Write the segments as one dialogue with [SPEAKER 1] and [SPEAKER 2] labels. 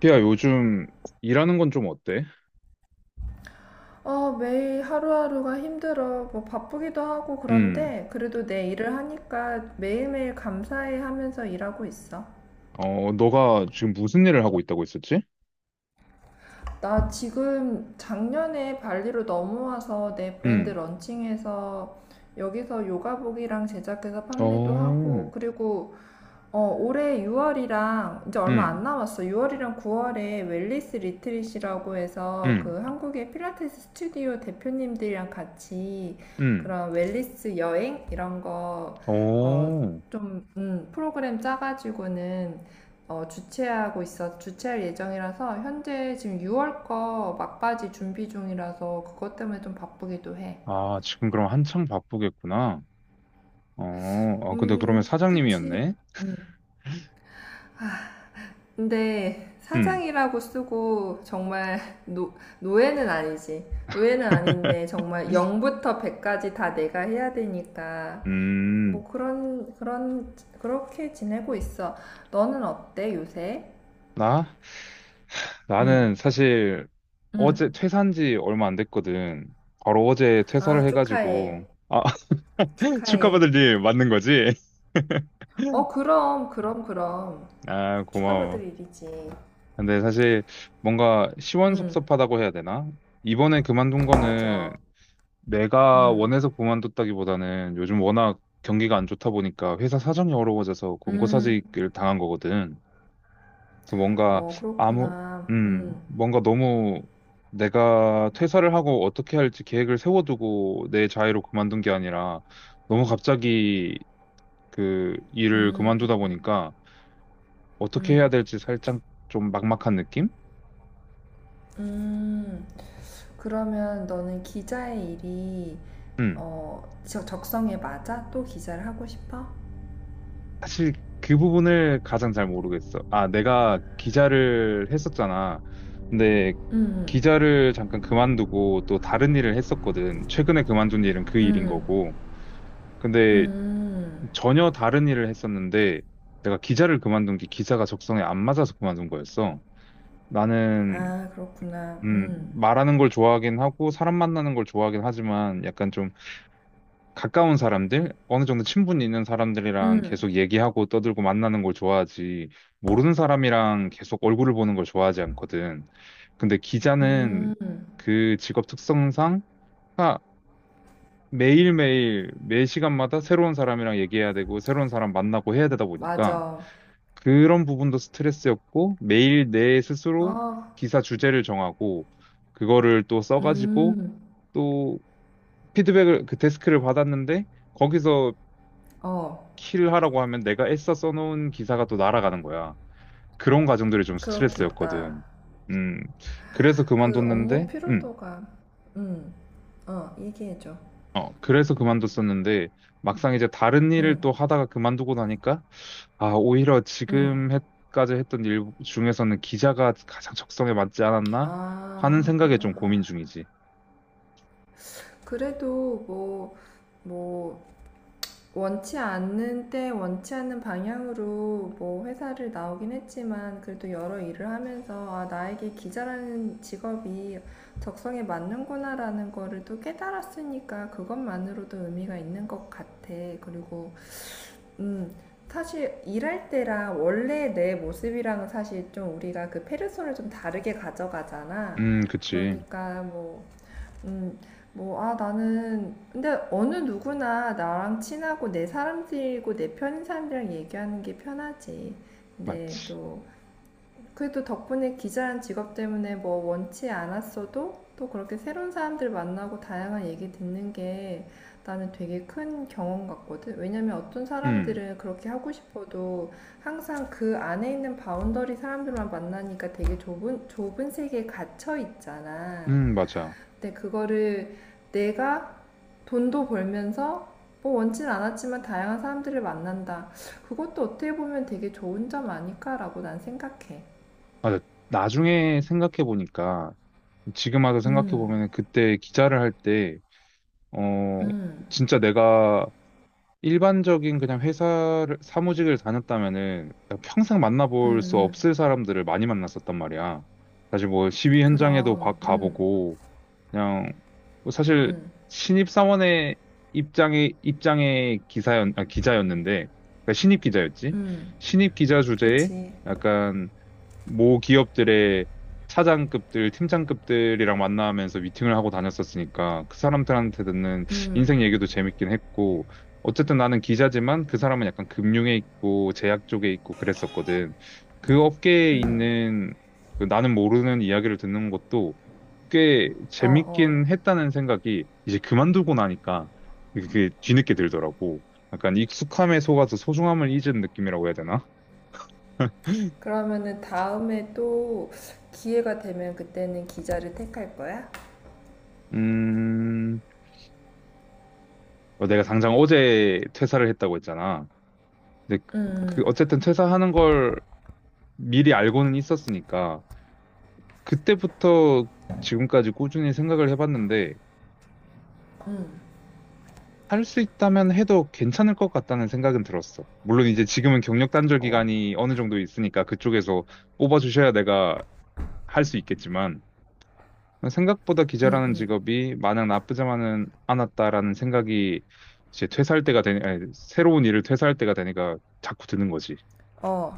[SPEAKER 1] 피야, 요즘 일하는 건 좀 어때?
[SPEAKER 2] 매일 하루하루가 힘들어. 뭐 바쁘기도 하고
[SPEAKER 1] 음.
[SPEAKER 2] 그런데 그래도 내 일을 하니까 매일매일 감사해 하면서 일하고 있어.
[SPEAKER 1] 어, 너가 지금 무슨 일을 하고 있다고 했었지?
[SPEAKER 2] 나 지금 작년에 발리로 넘어와서 내 브랜드
[SPEAKER 1] 음.
[SPEAKER 2] 런칭해서 여기서 요가복이랑 제작해서 판매도
[SPEAKER 1] 어.
[SPEAKER 2] 하고 그리고 올해 6월이랑 이제 얼마 안
[SPEAKER 1] 음.
[SPEAKER 2] 남았어. 6월이랑 9월에 웰리스 리트릿이라고 해서
[SPEAKER 1] 음.
[SPEAKER 2] 그 한국의 필라테스 스튜디오 대표님들이랑 같이
[SPEAKER 1] 음.
[SPEAKER 2] 그런 웰리스 여행 이런 거 어,
[SPEAKER 1] 어.
[SPEAKER 2] 좀 프로그램 짜가지고는 주최하고 있어 주최할 예정이라서 현재 지금 6월 거 막바지 준비 중이라서 그것 때문에 좀 바쁘기도 해.
[SPEAKER 1] 아, 지금 그럼 한창 바쁘겠구나. 어. 어, 근데 그러면
[SPEAKER 2] 그치.
[SPEAKER 1] 사장님이었네.
[SPEAKER 2] 근데
[SPEAKER 1] 음.
[SPEAKER 2] 사장이라고 쓰고 정말 노, 노예는 아니지. 노예는 아닌데 정말 0부터 100까지 다 내가 해야 되니까
[SPEAKER 1] 음.
[SPEAKER 2] 뭐 그런 그렇게 지내고 있어. 너는 어때 요새?
[SPEAKER 1] 나?
[SPEAKER 2] 응.
[SPEAKER 1] 나는 사실 어제
[SPEAKER 2] 응.
[SPEAKER 1] 퇴사한 지 얼마 안 됐거든. 바로 어제 퇴사를
[SPEAKER 2] 아, 축하해.
[SPEAKER 1] 해가지고. 아,
[SPEAKER 2] 축하해.
[SPEAKER 1] 축하받을 일 맞는 거지?
[SPEAKER 2] 어, 그럼 그럼 그럼.
[SPEAKER 1] 아, 고마워.
[SPEAKER 2] 축하받을 일이지.
[SPEAKER 1] 근데 사실 뭔가
[SPEAKER 2] 응.
[SPEAKER 1] 시원섭섭하다고 해야 되나? 이번에 그만둔 거는
[SPEAKER 2] 맞아.
[SPEAKER 1] 내가
[SPEAKER 2] 응.
[SPEAKER 1] 원해서 그만뒀다기보다는 요즘 워낙 경기가 안 좋다 보니까 회사 사정이 어려워져서
[SPEAKER 2] 응.
[SPEAKER 1] 권고사직을 당한 거거든. 그래서 뭔가
[SPEAKER 2] 어,
[SPEAKER 1] 아무,
[SPEAKER 2] 그렇구나. 응
[SPEAKER 1] 너무 내가 퇴사를 하고 어떻게 할지 계획을 세워두고 내 자유로 그만둔 게 아니라 너무 갑자기 그 일을
[SPEAKER 2] 응
[SPEAKER 1] 그만두다 보니까 어떻게 해야
[SPEAKER 2] 응
[SPEAKER 1] 될지 살짝 좀 막막한 느낌?
[SPEAKER 2] 응 그러면 너는 기자의 일이
[SPEAKER 1] 음.
[SPEAKER 2] 어, 적성에 맞아? 또 기자를 하고 싶어?
[SPEAKER 1] 사실 그 부분을 가장 잘 모르겠어. 아, 내가 기자를 했었잖아. 근데
[SPEAKER 2] 음,
[SPEAKER 1] 기자를 잠깐 그만두고 또 다른 일을 했었거든. 최근에 그만둔 일은 그 일인
[SPEAKER 2] 음,
[SPEAKER 1] 거고. 근데
[SPEAKER 2] 음.
[SPEAKER 1] 전혀 다른 일을 했었는데 내가 기자를 그만둔 게 기사가 적성에 안 맞아서 그만둔 거였어. 나는
[SPEAKER 2] 아, 그렇구나.
[SPEAKER 1] 말하는 걸 좋아하긴 하고 사람 만나는 걸 좋아하긴 하지만 약간 좀 가까운 사람들, 어느 정도 친분이 있는 사람들이랑
[SPEAKER 2] 음,
[SPEAKER 1] 계속 얘기하고 떠들고 만나는 걸 좋아하지, 모르는 사람이랑 계속 얼굴을 보는 걸 좋아하지 않거든. 근데 기자는
[SPEAKER 2] 음.
[SPEAKER 1] 그 직업 특성상 아, 매일매일, 매 시간마다 새로운 사람이랑 얘기해야 되고, 새로운 사람 만나고 해야 되다 보니까,
[SPEAKER 2] 맞아.
[SPEAKER 1] 그런 부분도 스트레스였고, 매일 내 스스로
[SPEAKER 2] 어,
[SPEAKER 1] 기사 주제를 정하고, 그거를 또 써가지고,
[SPEAKER 2] 음,
[SPEAKER 1] 또 피드백을, 그 데스크를 받았는데, 거기서
[SPEAKER 2] 어.
[SPEAKER 1] 키를 하라고 하면 내가 애써 써놓은 기사가 또 날아가는 거야. 그런 과정들이 좀
[SPEAKER 2] 그렇겠다.
[SPEAKER 1] 스트레스였거든. 음, 그래서
[SPEAKER 2] 그 업무
[SPEAKER 1] 그만뒀는데, 음,
[SPEAKER 2] 피로도가. 음, 얘기해줘.
[SPEAKER 1] 그래서 그만뒀었는데, 막상 이제 다른 일을
[SPEAKER 2] 음,
[SPEAKER 1] 또 하다가 그만두고 나니까, 아, 오히려
[SPEAKER 2] 음.
[SPEAKER 1] 지금 까지 했던 일 중에서는 기자가 가장 적성에 맞지 않았나 하는
[SPEAKER 2] 아,
[SPEAKER 1] 생각에 좀 고민
[SPEAKER 2] 아.
[SPEAKER 1] 중이지.
[SPEAKER 2] 그래도 뭐, 뭐, 원치 않는 때 원치 않는 방향으로 뭐 회사를 나오긴 했지만 그래도 여러 일을 하면서 아 나에게 기자라는 직업이 적성에 맞는구나라는 거를 또 깨달았으니까 그것만으로도 의미가 있는 것 같아. 그리고 음 사실 일할 때랑 원래 내 모습이랑은 사실 좀 우리가 그 페르소를 좀 다르게 가져가잖아.
[SPEAKER 1] 그치.
[SPEAKER 2] 그러니까 뭐 음, 뭐, 아, 나는, 근데 어느 누구나 나랑 친하고 내 사람들이고 내 편인 사람들이랑 얘기하는 게 편하지. 근데
[SPEAKER 1] 맞지.
[SPEAKER 2] 또, 그래도 덕분에 기자란 직업 때문에 뭐 원치 않았어도 또 그렇게 새로운 사람들 만나고 다양한 얘기 듣는 게 나는 되게 큰 경험 같거든. 왜냐면 어떤
[SPEAKER 1] 음,
[SPEAKER 2] 사람들은 그렇게 하고 싶어도 항상 그 안에 있는 바운더리 사람들만 만나니까 되게 좁은 세계에 갇혀 있잖아.
[SPEAKER 1] 맞아.
[SPEAKER 2] 근데 그거를 내가 돈도 벌면서 뭐 원치는 않았지만 다양한 사람들을 만난다. 그것도 어떻게 보면 되게 좋은 점 아닐까라고 난 생각해.
[SPEAKER 1] 맞아. 나중에 생각해 보니까, 지금 와서 생각해
[SPEAKER 2] 음,
[SPEAKER 1] 보면 그때 기자를 할때 어,
[SPEAKER 2] 음,
[SPEAKER 1] 진짜 내가 일반적인 그냥 회사를, 사무직을 다녔다면은 나 평생
[SPEAKER 2] 음,
[SPEAKER 1] 만나볼 수
[SPEAKER 2] 음.
[SPEAKER 1] 없을 사람들을 많이 만났었단 말이야. 사실 뭐 시위 현장에도
[SPEAKER 2] 그럼,
[SPEAKER 1] 가보고, 그냥, 뭐 사실 신입사원의 입장의 기자였는데, 그러니까 신입 기자였지? 신입 기자 주제에
[SPEAKER 2] 그치.
[SPEAKER 1] 약간 모 기업들의 차장급들, 팀장급들이랑 만나면서 미팅을 하고 다녔었으니까 그 사람들한테 듣는 인생 얘기도 재밌긴 했고 어쨌든 나는 기자지만 그 사람은 약간 금융에 있고 제약 쪽에 있고 그랬었거든. 그 업계에 있는 그 나는 모르는 이야기를 듣는 것도 꽤
[SPEAKER 2] 어, 어.
[SPEAKER 1] 재밌긴 했다는 생각이 이제 그만두고 나니까 그게 뒤늦게 들더라고. 약간 익숙함에 속아서 소중함을 잊은 느낌이라고 해야 되나?
[SPEAKER 2] 그러면은 다음에 또 기회가 되면 그때는 기자를 택할 거야?
[SPEAKER 1] 음, 내가 당장 어제 퇴사를 했다고 했잖아. 근데 어쨌든 퇴사하는 걸 미리 알고는 있었으니까 그때부터 지금까지 꾸준히 생각을 해봤는데 할 수 있다면 해도 괜찮을 것 같다는 생각은 들었어. 물론 이제 지금은 경력 단절 기간이 어느 정도 있으니까 그쪽에서 뽑아주셔야 내가 할 수 있겠지만 생각보다
[SPEAKER 2] 응,
[SPEAKER 1] 기자라는
[SPEAKER 2] 응.
[SPEAKER 1] 직업이 마냥 나쁘지만은 않았다라는 생각이 이제 퇴사할 때가 되니, 아니, 새로운 일을 퇴사할 때가 되니까 자꾸 드는 거지.
[SPEAKER 2] 어.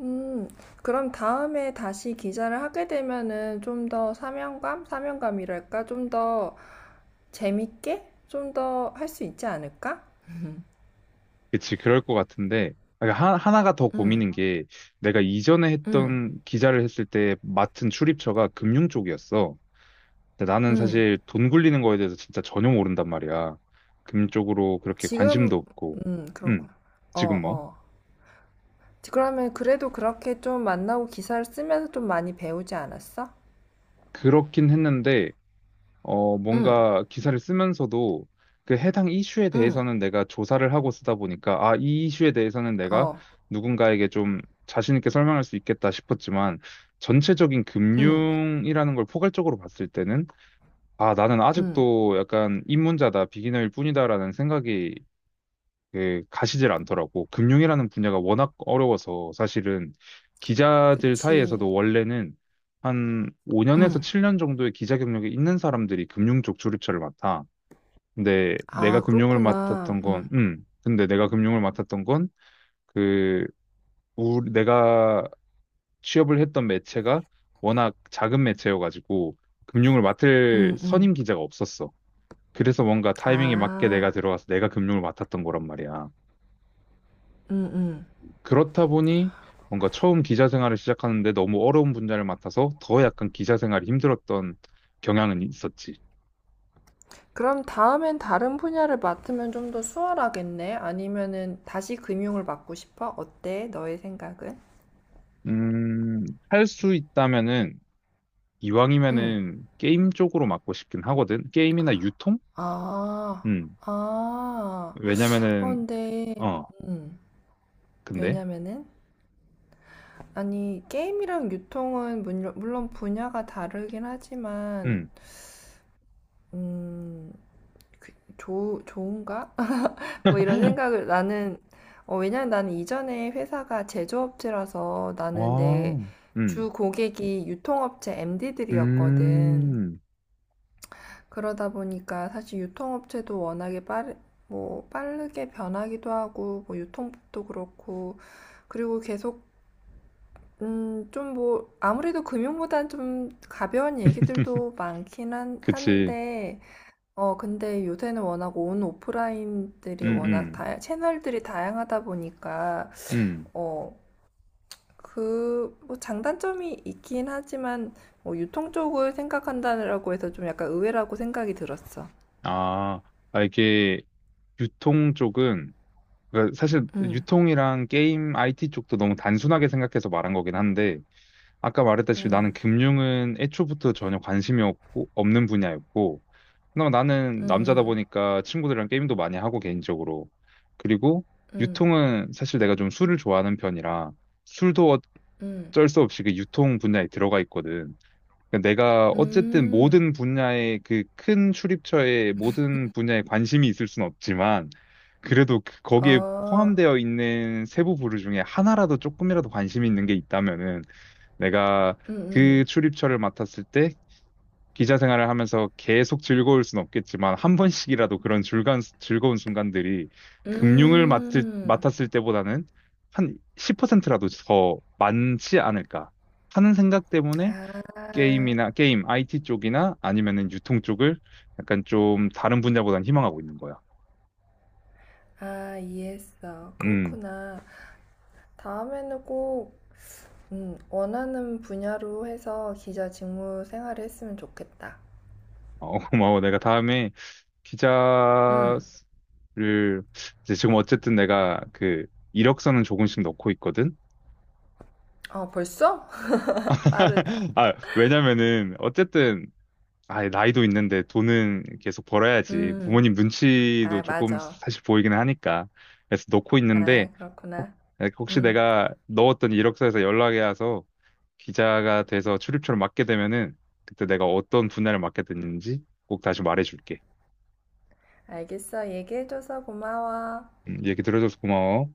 [SPEAKER 2] 음, 그럼 다음에 다시 기자를 하게 되면은 좀 더 사명감? 사명감이랄까? 좀더 재밌게 좀 더 할 수 있지 않을까?
[SPEAKER 1] 그치, 그럴 것 같은데, 아, 그러니까 하나가 더
[SPEAKER 2] 응,
[SPEAKER 1] 고민인 게, 내가 이전에
[SPEAKER 2] 응,
[SPEAKER 1] 했던 기자를 했을 때 맡은 출입처가 금융 쪽이었어. 근데 나는
[SPEAKER 2] 응.
[SPEAKER 1] 사실 돈 굴리는 거에 대해서 진짜 전혀 모른단 말이야. 금융 쪽으로 그렇게 관심도
[SPEAKER 2] 지금,
[SPEAKER 1] 없고, 음,
[SPEAKER 2] 그렇구나. 어,
[SPEAKER 1] 지금 뭐.
[SPEAKER 2] 어. 그러면 그래도 그렇게 좀 만나고 기사를 쓰면서 좀 많이 배우지 않았어?
[SPEAKER 1] 그렇긴 했는데,
[SPEAKER 2] 응,
[SPEAKER 1] 뭔가 기사를 쓰면서도 그 해당 이슈에
[SPEAKER 2] 응,
[SPEAKER 1] 대해서는 내가 조사를 하고 쓰다 보니까 아, 이 이슈에 대해서는 내가
[SPEAKER 2] 어,
[SPEAKER 1] 누군가에게 좀 자신 있게 설명할 수 있겠다 싶었지만 전체적인
[SPEAKER 2] 응,
[SPEAKER 1] 금융이라는 걸 포괄적으로 봤을 때는 아, 나는
[SPEAKER 2] 응.
[SPEAKER 1] 아직도 약간 입문자다, 비기너일 뿐이다라는 생각이 그 가시질 않더라고. 금융이라는 분야가 워낙 어려워서 사실은 기자들
[SPEAKER 2] 그치.
[SPEAKER 1] 사이에서도 원래는 한 5년에서
[SPEAKER 2] 응.
[SPEAKER 1] 7년 정도의 기자 경력이 있는 사람들이 금융 쪽 주류처를 맡아.
[SPEAKER 2] 아, 그렇구나. 응,
[SPEAKER 1] 근데 내가 금융을 맡았던 건 그, 내가 취업을 했던 매체가 워낙 작은 매체여가지고 금융을 맡을
[SPEAKER 2] 응, 응.
[SPEAKER 1] 선임 기자가 없었어. 그래서 뭔가 타이밍에 맞게 내가
[SPEAKER 2] 아,
[SPEAKER 1] 들어가서 내가 금융을 맡았던 거란 말이야.
[SPEAKER 2] 응, 응.
[SPEAKER 1] 그렇다 보니 뭔가 처음 기자 생활을 시작하는데 너무 어려운 분야를 맡아서 더 약간 기자 생활이 힘들었던 경향은 있었지.
[SPEAKER 2] 그럼 다음엔 다른 분야를 맡으면 좀 더 수월하겠네? 아니면은 다시 금융을 맡고 싶어? 어때? 너의 생각은?
[SPEAKER 1] 음, 할 수 있다면은
[SPEAKER 2] 응.
[SPEAKER 1] 이왕이면은 게임 쪽으로 맡고 싶긴 하거든. 게임이나 유통?
[SPEAKER 2] 아,
[SPEAKER 1] 음.
[SPEAKER 2] 아,
[SPEAKER 1] 왜냐면은
[SPEAKER 2] 근데,
[SPEAKER 1] 어,
[SPEAKER 2] 음,
[SPEAKER 1] 근데
[SPEAKER 2] 왜냐면은, 아니, 게임이랑 유통은 물론, 물론 분야가 다르긴 하지만,
[SPEAKER 1] 음.
[SPEAKER 2] 음, 그, 좋은가? 뭐 이런 생각을 나는, 왜냐면 나는 이전에 회사가 제조업체라서 나는 내
[SPEAKER 1] 아. 음.
[SPEAKER 2] 주 고객이 유통업체 MD들이었거든.
[SPEAKER 1] 음.
[SPEAKER 2] 그러다 보니까 사실 유통업체도 워낙에 뭐 빠르게 변하기도 하고 뭐 유통법도 그렇고 그리고 계속 좀 뭐 아무래도 금융보단 좀 가벼운 얘기들도 많긴
[SPEAKER 1] 그치.
[SPEAKER 2] 한데 어 근데 요새는 워낙 온 오프라인들이
[SPEAKER 1] 음,
[SPEAKER 2] 워낙
[SPEAKER 1] 음,
[SPEAKER 2] 다 채널들이 다양하다 보니까
[SPEAKER 1] 음.
[SPEAKER 2] 어그뭐 장단점이 있긴 하지만 뭐 유통 쪽을 생각한다라고 해서 좀 약간 의외라고 생각이 들었어.
[SPEAKER 1] 아, 아, 이게 유통 쪽은 그러니까 사실
[SPEAKER 2] 음.
[SPEAKER 1] 유통이랑 게임 IT 쪽도 너무 단순하게 생각해서 말한 거긴 한데 아까 말했다시피 나는
[SPEAKER 2] 음.
[SPEAKER 1] 금융은 애초부터 전혀 관심이 없고 없는 분야였고 그나마 나는 남자다
[SPEAKER 2] 음,
[SPEAKER 1] 보니까 친구들이랑 게임도 많이 하고 개인적으로 그리고
[SPEAKER 2] 음,
[SPEAKER 1] 유통은 사실 내가 좀 술을 좋아하는 편이라 술도
[SPEAKER 2] 음,
[SPEAKER 1] 어쩔 수 없이 그 유통 분야에 들어가 있거든. 그러니까 내가 어쨌든
[SPEAKER 2] 음,
[SPEAKER 1] 모든 분야의 그 큰 출입처에 모든 분야에 관심이 있을 순 없지만 그래도 거기에
[SPEAKER 2] 어,
[SPEAKER 1] 포함되어 있는 세부 부류 중에 하나라도 조금이라도 관심이 있는 게 있다면은 내가
[SPEAKER 2] 음,
[SPEAKER 1] 그
[SPEAKER 2] 음,
[SPEAKER 1] 출입처를 맡았을 때 기자 생활을 하면서 계속 즐거울 순 없겠지만 한 번씩이라도 그런 즐거운 순간들이 금융을
[SPEAKER 2] 음.
[SPEAKER 1] 맡았을 때보다는 한 10%라도 더 많지 않을까 하는 생각 때문에
[SPEAKER 2] 아,
[SPEAKER 1] 게임, IT 쪽이나 아니면은 유통 쪽을 약간 좀 다른 분야보다는 희망하고 있는 거야.
[SPEAKER 2] 아, 이해했어.
[SPEAKER 1] 음,
[SPEAKER 2] 그렇구나. 다음에는 꼭, 원하는 분야로 해서 기자 직무 생활을 했으면 좋겠다.
[SPEAKER 1] 고마워. 내가 다음에 피자를
[SPEAKER 2] 음,
[SPEAKER 1] 이제 지금 어쨌든 내가 그 이력서는 조금씩 넣고 있거든.
[SPEAKER 2] 어, 벌써? 빠르다.
[SPEAKER 1] 아, 왜냐면은 어쨌든 나이도 있는데 돈은 계속 벌어야지.
[SPEAKER 2] 음,
[SPEAKER 1] 부모님 눈치도
[SPEAKER 2] 아,
[SPEAKER 1] 조금
[SPEAKER 2] 맞아.
[SPEAKER 1] 사실 보이기는 하니까. 그래서 넣고 있는데
[SPEAKER 2] 아,
[SPEAKER 1] 혹-
[SPEAKER 2] 그렇구나.
[SPEAKER 1] 혹시
[SPEAKER 2] 음,
[SPEAKER 1] 내가 넣었던 이력서에서 연락이 와서 기자가 돼서 출입처를 맡게 되면은 그때 내가 어떤 분야를 맡게 됐는지 꼭 다시 말해줄게.
[SPEAKER 2] 알겠어. 얘기해줘서 고마워.
[SPEAKER 1] 얘기 들어줘서 고마워.